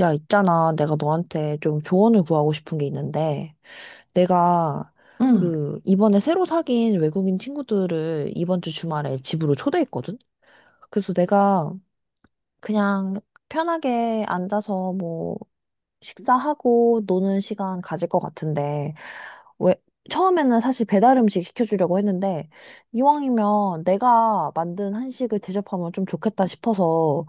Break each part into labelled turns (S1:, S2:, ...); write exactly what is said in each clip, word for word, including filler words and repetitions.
S1: 야, 있잖아. 내가 너한테 좀 조언을 구하고 싶은 게 있는데, 내가
S2: 응,
S1: 그 이번에 새로 사귄 외국인 친구들을 이번 주 주말에 집으로 초대했거든? 그래서 내가 그냥 편하게 앉아서 뭐 식사하고 노는 시간 가질 것 같은데, 왜, 처음에는 사실 배달 음식 시켜주려고 했는데, 이왕이면 내가 만든 한식을 대접하면 좀 좋겠다 싶어서,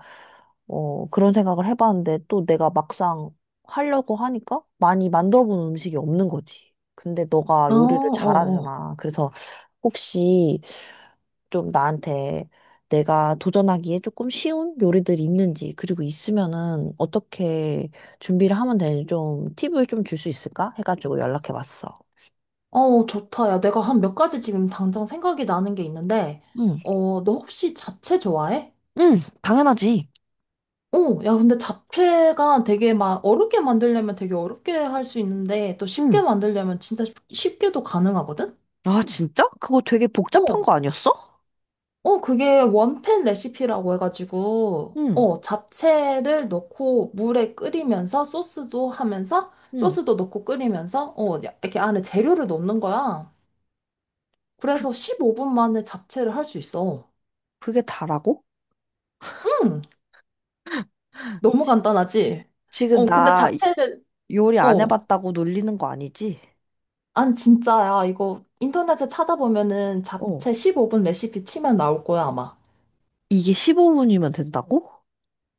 S1: 어, 그런 생각을 해봤는데, 또 내가 막상 하려고 하니까 많이 만들어 본 음식이 없는 거지. 근데 너가
S2: 어,
S1: 요리를
S2: 어, 어.
S1: 잘하잖아. 그래서 혹시 좀 나한테 내가 도전하기에 조금 쉬운 요리들이 있는지, 그리고 있으면은 어떻게 준비를 하면 되는지 좀 팁을 좀 줄 수 있을까? 해가지고 연락해 봤어.
S2: 어, 좋다. 야, 내가 한 몇 가지 지금 당장 생각이 나는 게 있는데,
S1: 응,
S2: 어, 너 혹시 잡채 좋아해?
S1: 응, 당연하지.
S2: 어, 야, 근데 잡채가 되게 막 어렵게 만들려면 되게 어렵게 할 수 있는데, 또 쉽게
S1: 응.
S2: 만들려면 진짜 쉽- 쉽게도 가능하거든?
S1: 아, 진짜? 그거 되게
S2: 어,
S1: 복잡한 거 아니었어?
S2: 어, 그게 원팬 레시피라고 해가지고,
S1: 응,
S2: 어, 잡채를 넣고 물에 끓이면서 소스도 하면서,
S1: 응.
S2: 소스도 넣고 끓이면서, 어, 이렇게 안에 재료를 넣는 거야.
S1: 그,
S2: 그래서 십오 분 만에 잡채를 할 수 있어.
S1: 그게 다라고?
S2: 응, 너무 간단하지?
S1: 지금
S2: 어, 근데
S1: 나
S2: 잡채를,
S1: 요리 안
S2: 어,
S1: 해봤다고 놀리는 거 아니지?
S2: 아니, 진짜야. 이거 인터넷에 찾아보면은
S1: 어.
S2: 잡채 십오 분 레시피 치면 나올 거야, 아마.
S1: 이게 십오 분이면 된다고?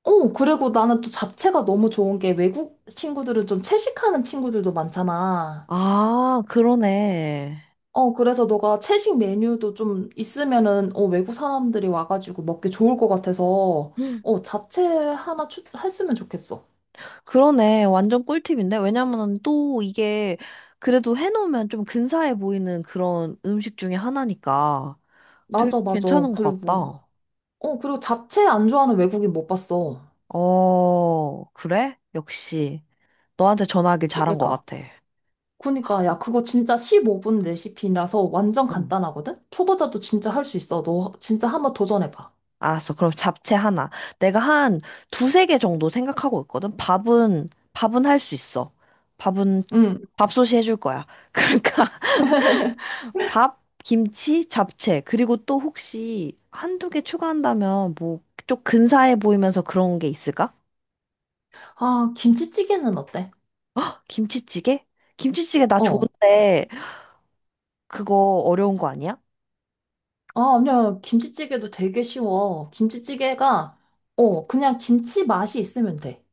S2: 어, 그리고 나는 또 잡채가 너무 좋은 게 외국 친구들은 좀 채식하는 친구들도 많잖아.
S1: 아, 그러네.
S2: 어, 그래서 너가 채식 메뉴도 좀 있으면은, 어, 외국 사람들이 와가지고 먹기 좋을 것 같아서, 어, 잡채 하나 추, 했으면 좋겠어.
S1: 그러네. 완전 꿀팁인데? 왜냐면은 또 이게 그래도 해놓으면 좀 근사해 보이는 그런 음식 중에 하나니까 되게
S2: 맞아, 맞아.
S1: 괜찮은 것
S2: 그리고
S1: 같다.
S2: 어, 그리고 잡채 안 좋아하는 외국인 못 봤어.
S1: 어, 그래? 역시. 너한테 전화하길
S2: 그,
S1: 잘한 것
S2: 그러니까.
S1: 같아.
S2: 그니까, 야, 그거 진짜 십오 분 레시피라서 완전
S1: 응.
S2: 간단하거든? 초보자도 진짜 할 수 있어. 너 진짜 한번 도전해봐.
S1: 알았어. 그럼 잡채 하나. 내가 한 두세 개 정도 생각하고 있거든. 밥은, 밥은 할 수 있어. 밥은,
S2: 응.
S1: 밥솥이 해줄 거야. 그러니까. 밥, 김치, 잡채. 그리고 또 혹시 한두 개 추가한다면 뭐 좀 근사해 보이면서 그런 게 있을까?
S2: 아, 김치찌개는 어때?
S1: 김치찌개? 김치찌개 나
S2: 어.
S1: 좋은데 그거 어려운 거 아니야?
S2: 아, 아니야. 김치찌개도 되게 쉬워. 김치찌개가, 어, 그냥 김치 맛이 있으면 돼.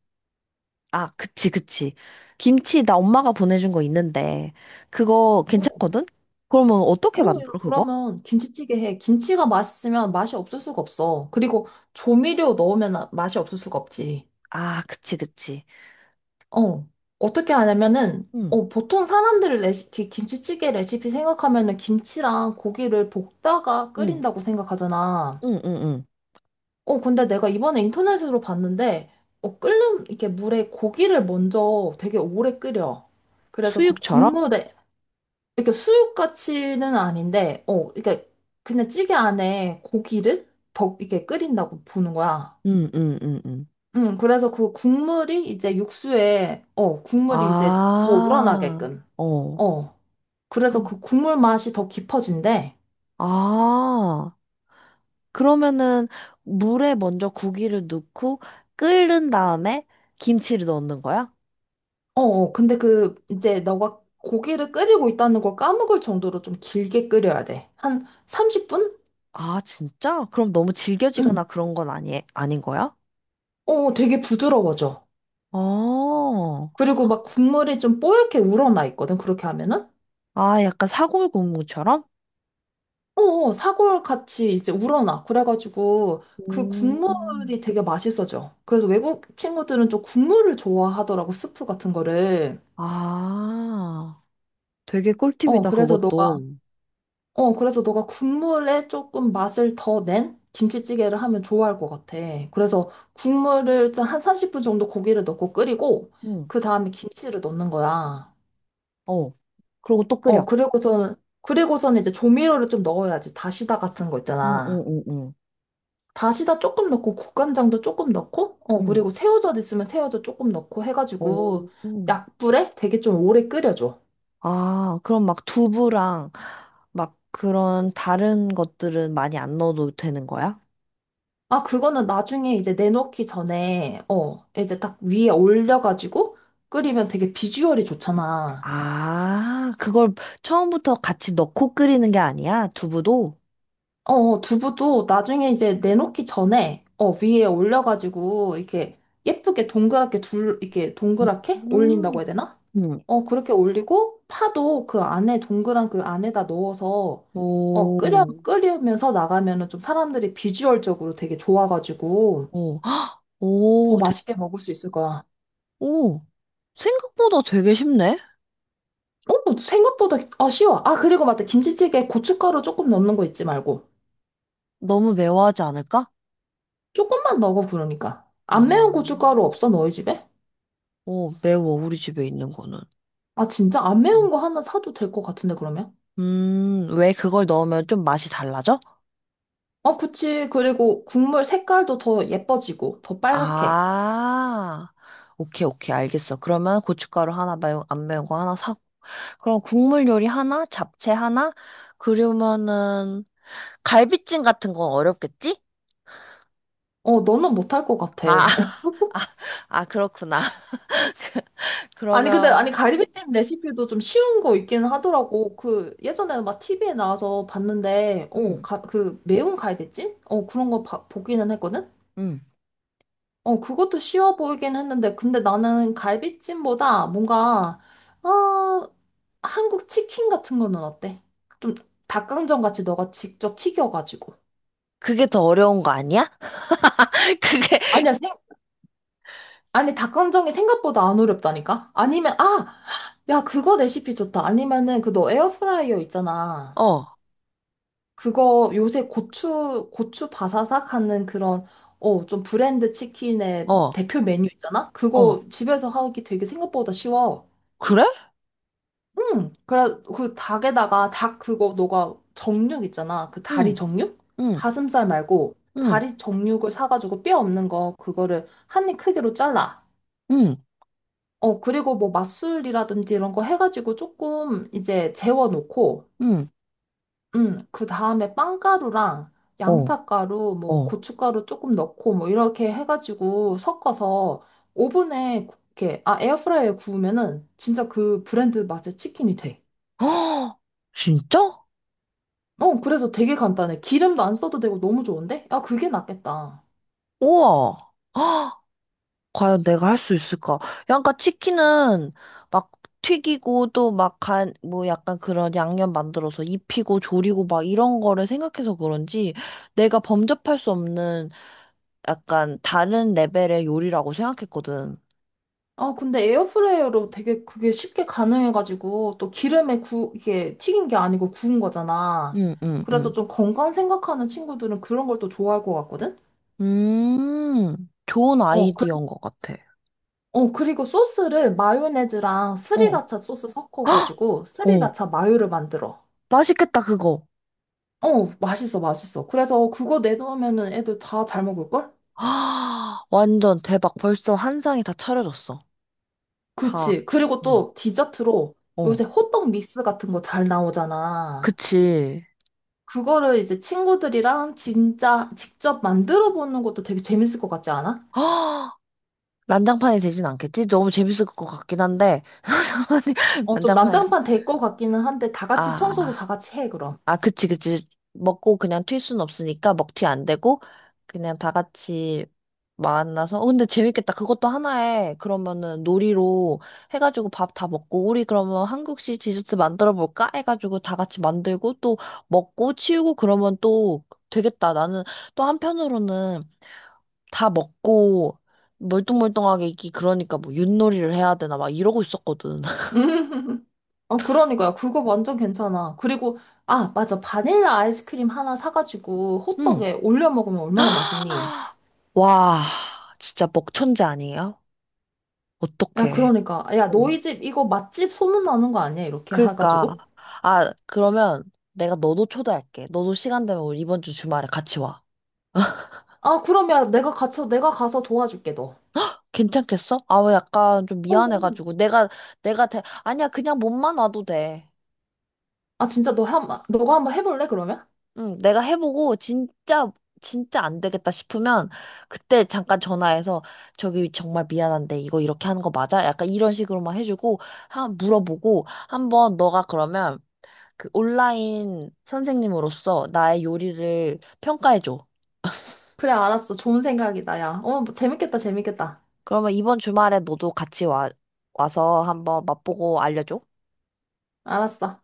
S1: 아, 그치, 그치. 김치 나 엄마가 보내준 거 있는데 그거
S2: 어,
S1: 괜찮거든? 그러면
S2: 어,
S1: 어떻게
S2: 야,
S1: 만들어, 그거?
S2: 그러면 김치찌개 해. 김치가 맛있으면 맛이 없을 수가 없어. 그리고 조미료 넣으면 맛이 없을 수가 없지.
S1: 아, 그치, 그치.
S2: 어, 어떻게 하냐면은,
S1: 응,
S2: 어, 보통 사람들 레시피, 김치찌개 레시피 생각하면은 김치랑 고기를 볶다가
S1: 응,
S2: 끓인다고 생각하잖아.
S1: 응, 응, 응.
S2: 어, 근데 내가 이번에 인터넷으로 봤는데, 어, 끓는, 이렇게 물에 고기를 먼저 되게 오래 끓여. 그래서 그
S1: 수육처럼?
S2: 국물에, 이렇게 수육같이는 아닌데, 어, 그렇게 그냥 찌개 안에 고기를 더 이렇게 끓인다고 보는 거야.
S1: 응, 응, 응, 응.
S2: 응, 그래서 그 국물이 이제 육수에, 어, 국물이 이제 더
S1: 아,
S2: 우러나게끔.
S1: 어.
S2: 어. 그래서 그 국물 맛이 더 깊어진대.
S1: 아. 그러면은 물에 먼저 고기를 넣고 끓는 다음에 김치를 넣는 거야?
S2: 어, 어. 근데 그, 이제 너가 고기를 끓이고 있다는 걸 까먹을 정도로 좀 길게 끓여야 돼. 한 삼십 분?
S1: 아, 진짜? 그럼 너무
S2: 응.
S1: 질겨지거나 그런 건 아니, 아닌 거야?
S2: 어, 되게 부드러워져.
S1: 어.
S2: 그리고 막 국물이 좀 뽀얗게 우러나 있거든, 그렇게 하면은.
S1: 아, 약간 사골국물처럼?
S2: 어, 어, 사골 같이 이제 우러나. 그래가지고 그
S1: 음.
S2: 국물이 되게 맛있어져. 그래서 외국 친구들은 좀 국물을 좋아하더라고, 스프 같은 거를.
S1: 아, 되게
S2: 어,
S1: 꿀팁이다,
S2: 그래서 너
S1: 그것도.
S2: 어, 그래서 너가 국물에 조금 맛을 더 낸 김치찌개를 하면 좋아할 것 같아. 그래서 국물을 좀한 삼십 분 정도 고기를 넣고 끓이고,
S1: 응,
S2: 그 다음에 김치를 넣는 거야.
S1: 어. 그리고 또 끓여.
S2: 어, 그리고서는, 그리고서는 이제 조미료를 좀 넣어야지. 다시다 같은 거
S1: 응, 응,
S2: 있잖아.
S1: 응. 응.
S2: 다시다 조금 넣고, 국간장도 조금 넣고, 어,
S1: 응.
S2: 그리고 새우젓 있으면 새우젓 조금 넣고
S1: 오.
S2: 해가지고,
S1: 음.
S2: 약불에 되게 좀 오래 끓여줘.
S1: 아, 그럼 막 두부랑 막 그런 다른 것들은 많이 안 넣어도 되는 거야?
S2: 아, 그거는 나중에 이제 내놓기 전에, 어, 이제 딱 위에 올려가지고 끓이면 되게 비주얼이 좋잖아.
S1: 아, 그걸 처음부터 같이 넣고 끓이는 게 아니야? 두부도?
S2: 어, 어, 두부도 나중에 이제 내놓기 전에, 어, 위에 올려가지고 이렇게 예쁘게 동그랗게 둘, 이렇게 동그랗게 올린다고 해야
S1: 음.
S2: 되나?
S1: 응.
S2: 어, 그렇게 올리고 파도 그 안에 동그란 그 안에다 넣어서, 어, 끓여,
S1: 오,
S2: 끓이면서 나가면은 좀 사람들이 비주얼적으로 되게 좋아가지고
S1: 오, 헉,
S2: 더
S1: 오, 되,
S2: 맛있게 먹을 수 있을 거야.
S1: 오. 생각보다 되게 쉽네?
S2: 어, 생각보다 아쉬워. 아, 그리고 맞다. 김치찌개에 고춧가루 조금 넣는 거 잊지 말고.
S1: 너무 매워하지 않을까?
S2: 조금만 넣어, 그러니까. 안
S1: 아,
S2: 매운 고춧가루 없어, 너희 집에?
S1: 오, 매워, 우리 집에 있는 거는.
S2: 아, 진짜? 안 매운 거 하나 사도 될 것 같은데, 그러면?
S1: 음, 왜 그걸 넣으면 좀 맛이 달라져?
S2: 어, 그치. 그리고 국물 색깔도 더 예뻐지고, 더 빨갛게.
S1: 아, 오케이, 오케이, 알겠어. 그러면 고춧가루 하나, 매운, 안 매운 거 하나 사고. 그럼 국물 요리 하나, 잡채 하나, 그러면은 갈비찜 같은 건 어렵겠지?
S2: 어, 너는 못할 것 같아.
S1: 아, 아, 그렇구나.
S2: 아니, 근데, 아니,
S1: 그러면,
S2: 갈비찜 레시피도 좀 쉬운 거 있긴 하더라고. 그, 예전에 막 티비에 나와서 봤는데, 어,
S1: 음,
S2: 그, 매운 갈비찜? 어, 그런 거 봐- 보기는 했거든?
S1: 음.
S2: 어, 그것도 쉬워 보이긴 했는데, 근데 나는 갈비찜보다 뭔가, 어, 한국 치킨 같은 거는 어때? 좀 닭강정 같이 너가 직접 튀겨가지고.
S1: 그게 더 어려운 거 아니야? 그게,
S2: 아니야, 생, 아니, 닭강정이 생각보다 안 어렵다니까? 아니면, 아! 야, 그거 레시피 좋다. 아니면은, 그 너 에어프라이어 있잖아.
S1: 어,
S2: 그거 요새 고추, 고추 바사삭 하는 그런, 어, 좀 브랜드 치킨의
S1: 어,
S2: 대표 메뉴 있잖아?
S1: 어.
S2: 그거 집에서 하기 되게 생각보다 쉬워.
S1: 그래?
S2: 응. 그래, 그 닭에다가 닭 그거 너가 정육 있잖아. 그 다리
S1: 응,
S2: 정육?
S1: 응,
S2: 가슴살 말고
S1: 응,
S2: 다리 정육을 사가지고 뼈 없는 거 그거를 한입 크기로 잘라.
S1: 응,
S2: 어, 그리고 뭐 맛술이라든지 이런 거 해가지고 조금 이제 재워놓고,
S1: 응.
S2: 응. 그 다음에 빵가루랑
S1: 어,
S2: 양파가루, 뭐
S1: 어.
S2: 고춧가루 조금 넣고 뭐 이렇게 해가지고 섞어서 오븐에 이렇게, 아, 에어프라이어에 구우면은 진짜 그 브랜드 맛의 치킨이 돼.
S1: 허, 진짜?
S2: 어, 그래서 되게 간단해. 기름도 안 써도 되고 너무 좋은데? 아, 그게 낫겠다.
S1: 우와. 과연 내가 할 수 있을까? 야, 그러니까 치킨은 막 튀기고 또 막 간, 뭐 약간 그런 양념 만들어서 입히고 조리고 막 이런 거를 생각해서 그런지 내가 범접할 수 없는 약간 다른 레벨의 요리라고 생각했거든.
S2: 아, 근데 에어프라이어로 되게 그게 쉽게 가능해가지고 또 기름에 구, 이게 튀긴 게 아니고 구운 거잖아.
S1: 응, 응,
S2: 그래서
S1: 응.
S2: 좀 건강 생각하는 친구들은 그런 걸 또 좋아할 것 같거든?
S1: 음, 좋은
S2: 어, 그,
S1: 아이디어인 것 같아.
S2: 어, 그리고 소스를 마요네즈랑
S1: 어.
S2: 스리라차 소스
S1: 헉!
S2: 섞어가지고
S1: 오,
S2: 스리라차 마요를 만들어.
S1: 맛있겠다, 그거.
S2: 어, 맛있어, 맛있어. 그래서 그거 내놓으면은 애들 다 잘 먹을걸?
S1: 아, 완전 대박. 벌써 한 상이 다 차려졌어. 다.
S2: 그치. 그리고
S1: 어.
S2: 또 디저트로
S1: 어.
S2: 요새 호떡 믹스 같은 거 잘 나오잖아.
S1: 그치.
S2: 그거를 이제 친구들이랑 진짜 직접 만들어 보는 것도 되게 재밌을 것 같지 않아?
S1: 어, 난장판이 되진 않겠지? 너무 재밌을 것 같긴 한데. 아니,
S2: 어, 좀
S1: 난장판,
S2: 난장판 될 것 같기는 한데 다 같이 청소도
S1: 아,
S2: 다 같이 해, 그럼.
S1: 아, 그치, 그치. 먹고 그냥 튈 순 없으니까 먹튀 안 되고, 그냥 다 같이 만나서. 어, 근데 재밌겠다. 그것도 하나에, 그러면은 놀이로 해가지고 밥 다 먹고, 우리 그러면 한국식 디저트 만들어 볼까? 해가지고 다 같이 만들고, 또 먹고, 치우고, 그러면 또 되겠다. 나는 또 한편으로는 다 먹고 멀뚱멀뚱하게 있기 그러니까 뭐 윷놀이를 해야 되나 막 이러고 있었거든.
S2: 어, 그러니까요. 그거 완전 괜찮아. 그리고, 아, 맞아. 바닐라 아이스크림 하나 사가지고
S1: 응.
S2: 호떡에 올려 먹으면 얼마나 맛있니?
S1: 와, 진짜 먹천재 아니에요?
S2: 야,
S1: 어떡해.
S2: 그러니까. 야,
S1: 어.
S2: 너희 집 이거 맛집 소문나는 거 아니야? 이렇게
S1: 그러니까,
S2: 해가지고.
S1: 아, 그러면 내가 너도 초대할게. 너도 시간 되면 우리 이번 주 주말에 같이 와.
S2: 아, 그럼 야, 내가 가서, 내가 가서 도와줄게, 너.
S1: 괜찮겠어? 아, 왜 약간 좀
S2: 어. 어.
S1: 미안해가지고. 내가, 내가 대, 아니야, 그냥 몸만 와도 돼.
S2: 아, 진짜 너 한, 번- 너가 한번 해볼래, 그러면?
S1: 응, 내가 해보고 진짜 진짜 안 되겠다 싶으면 그때 잠깐 전화해서 저기 정말 미안한데 이거 이렇게 하는 거 맞아? 약간 이런 식으로만 해주고 한 물어보고 한번 너가 그러면 그 온라인 선생님으로서 나의 요리를 평가해줘.
S2: 그래, 알았어. 좋은 생각이다, 야. 어, 재밌겠다, 재밌겠다.
S1: 그러면 이번 주말에 너도 같이 와 와서 한번 맛보고 알려줘.
S2: 알았어.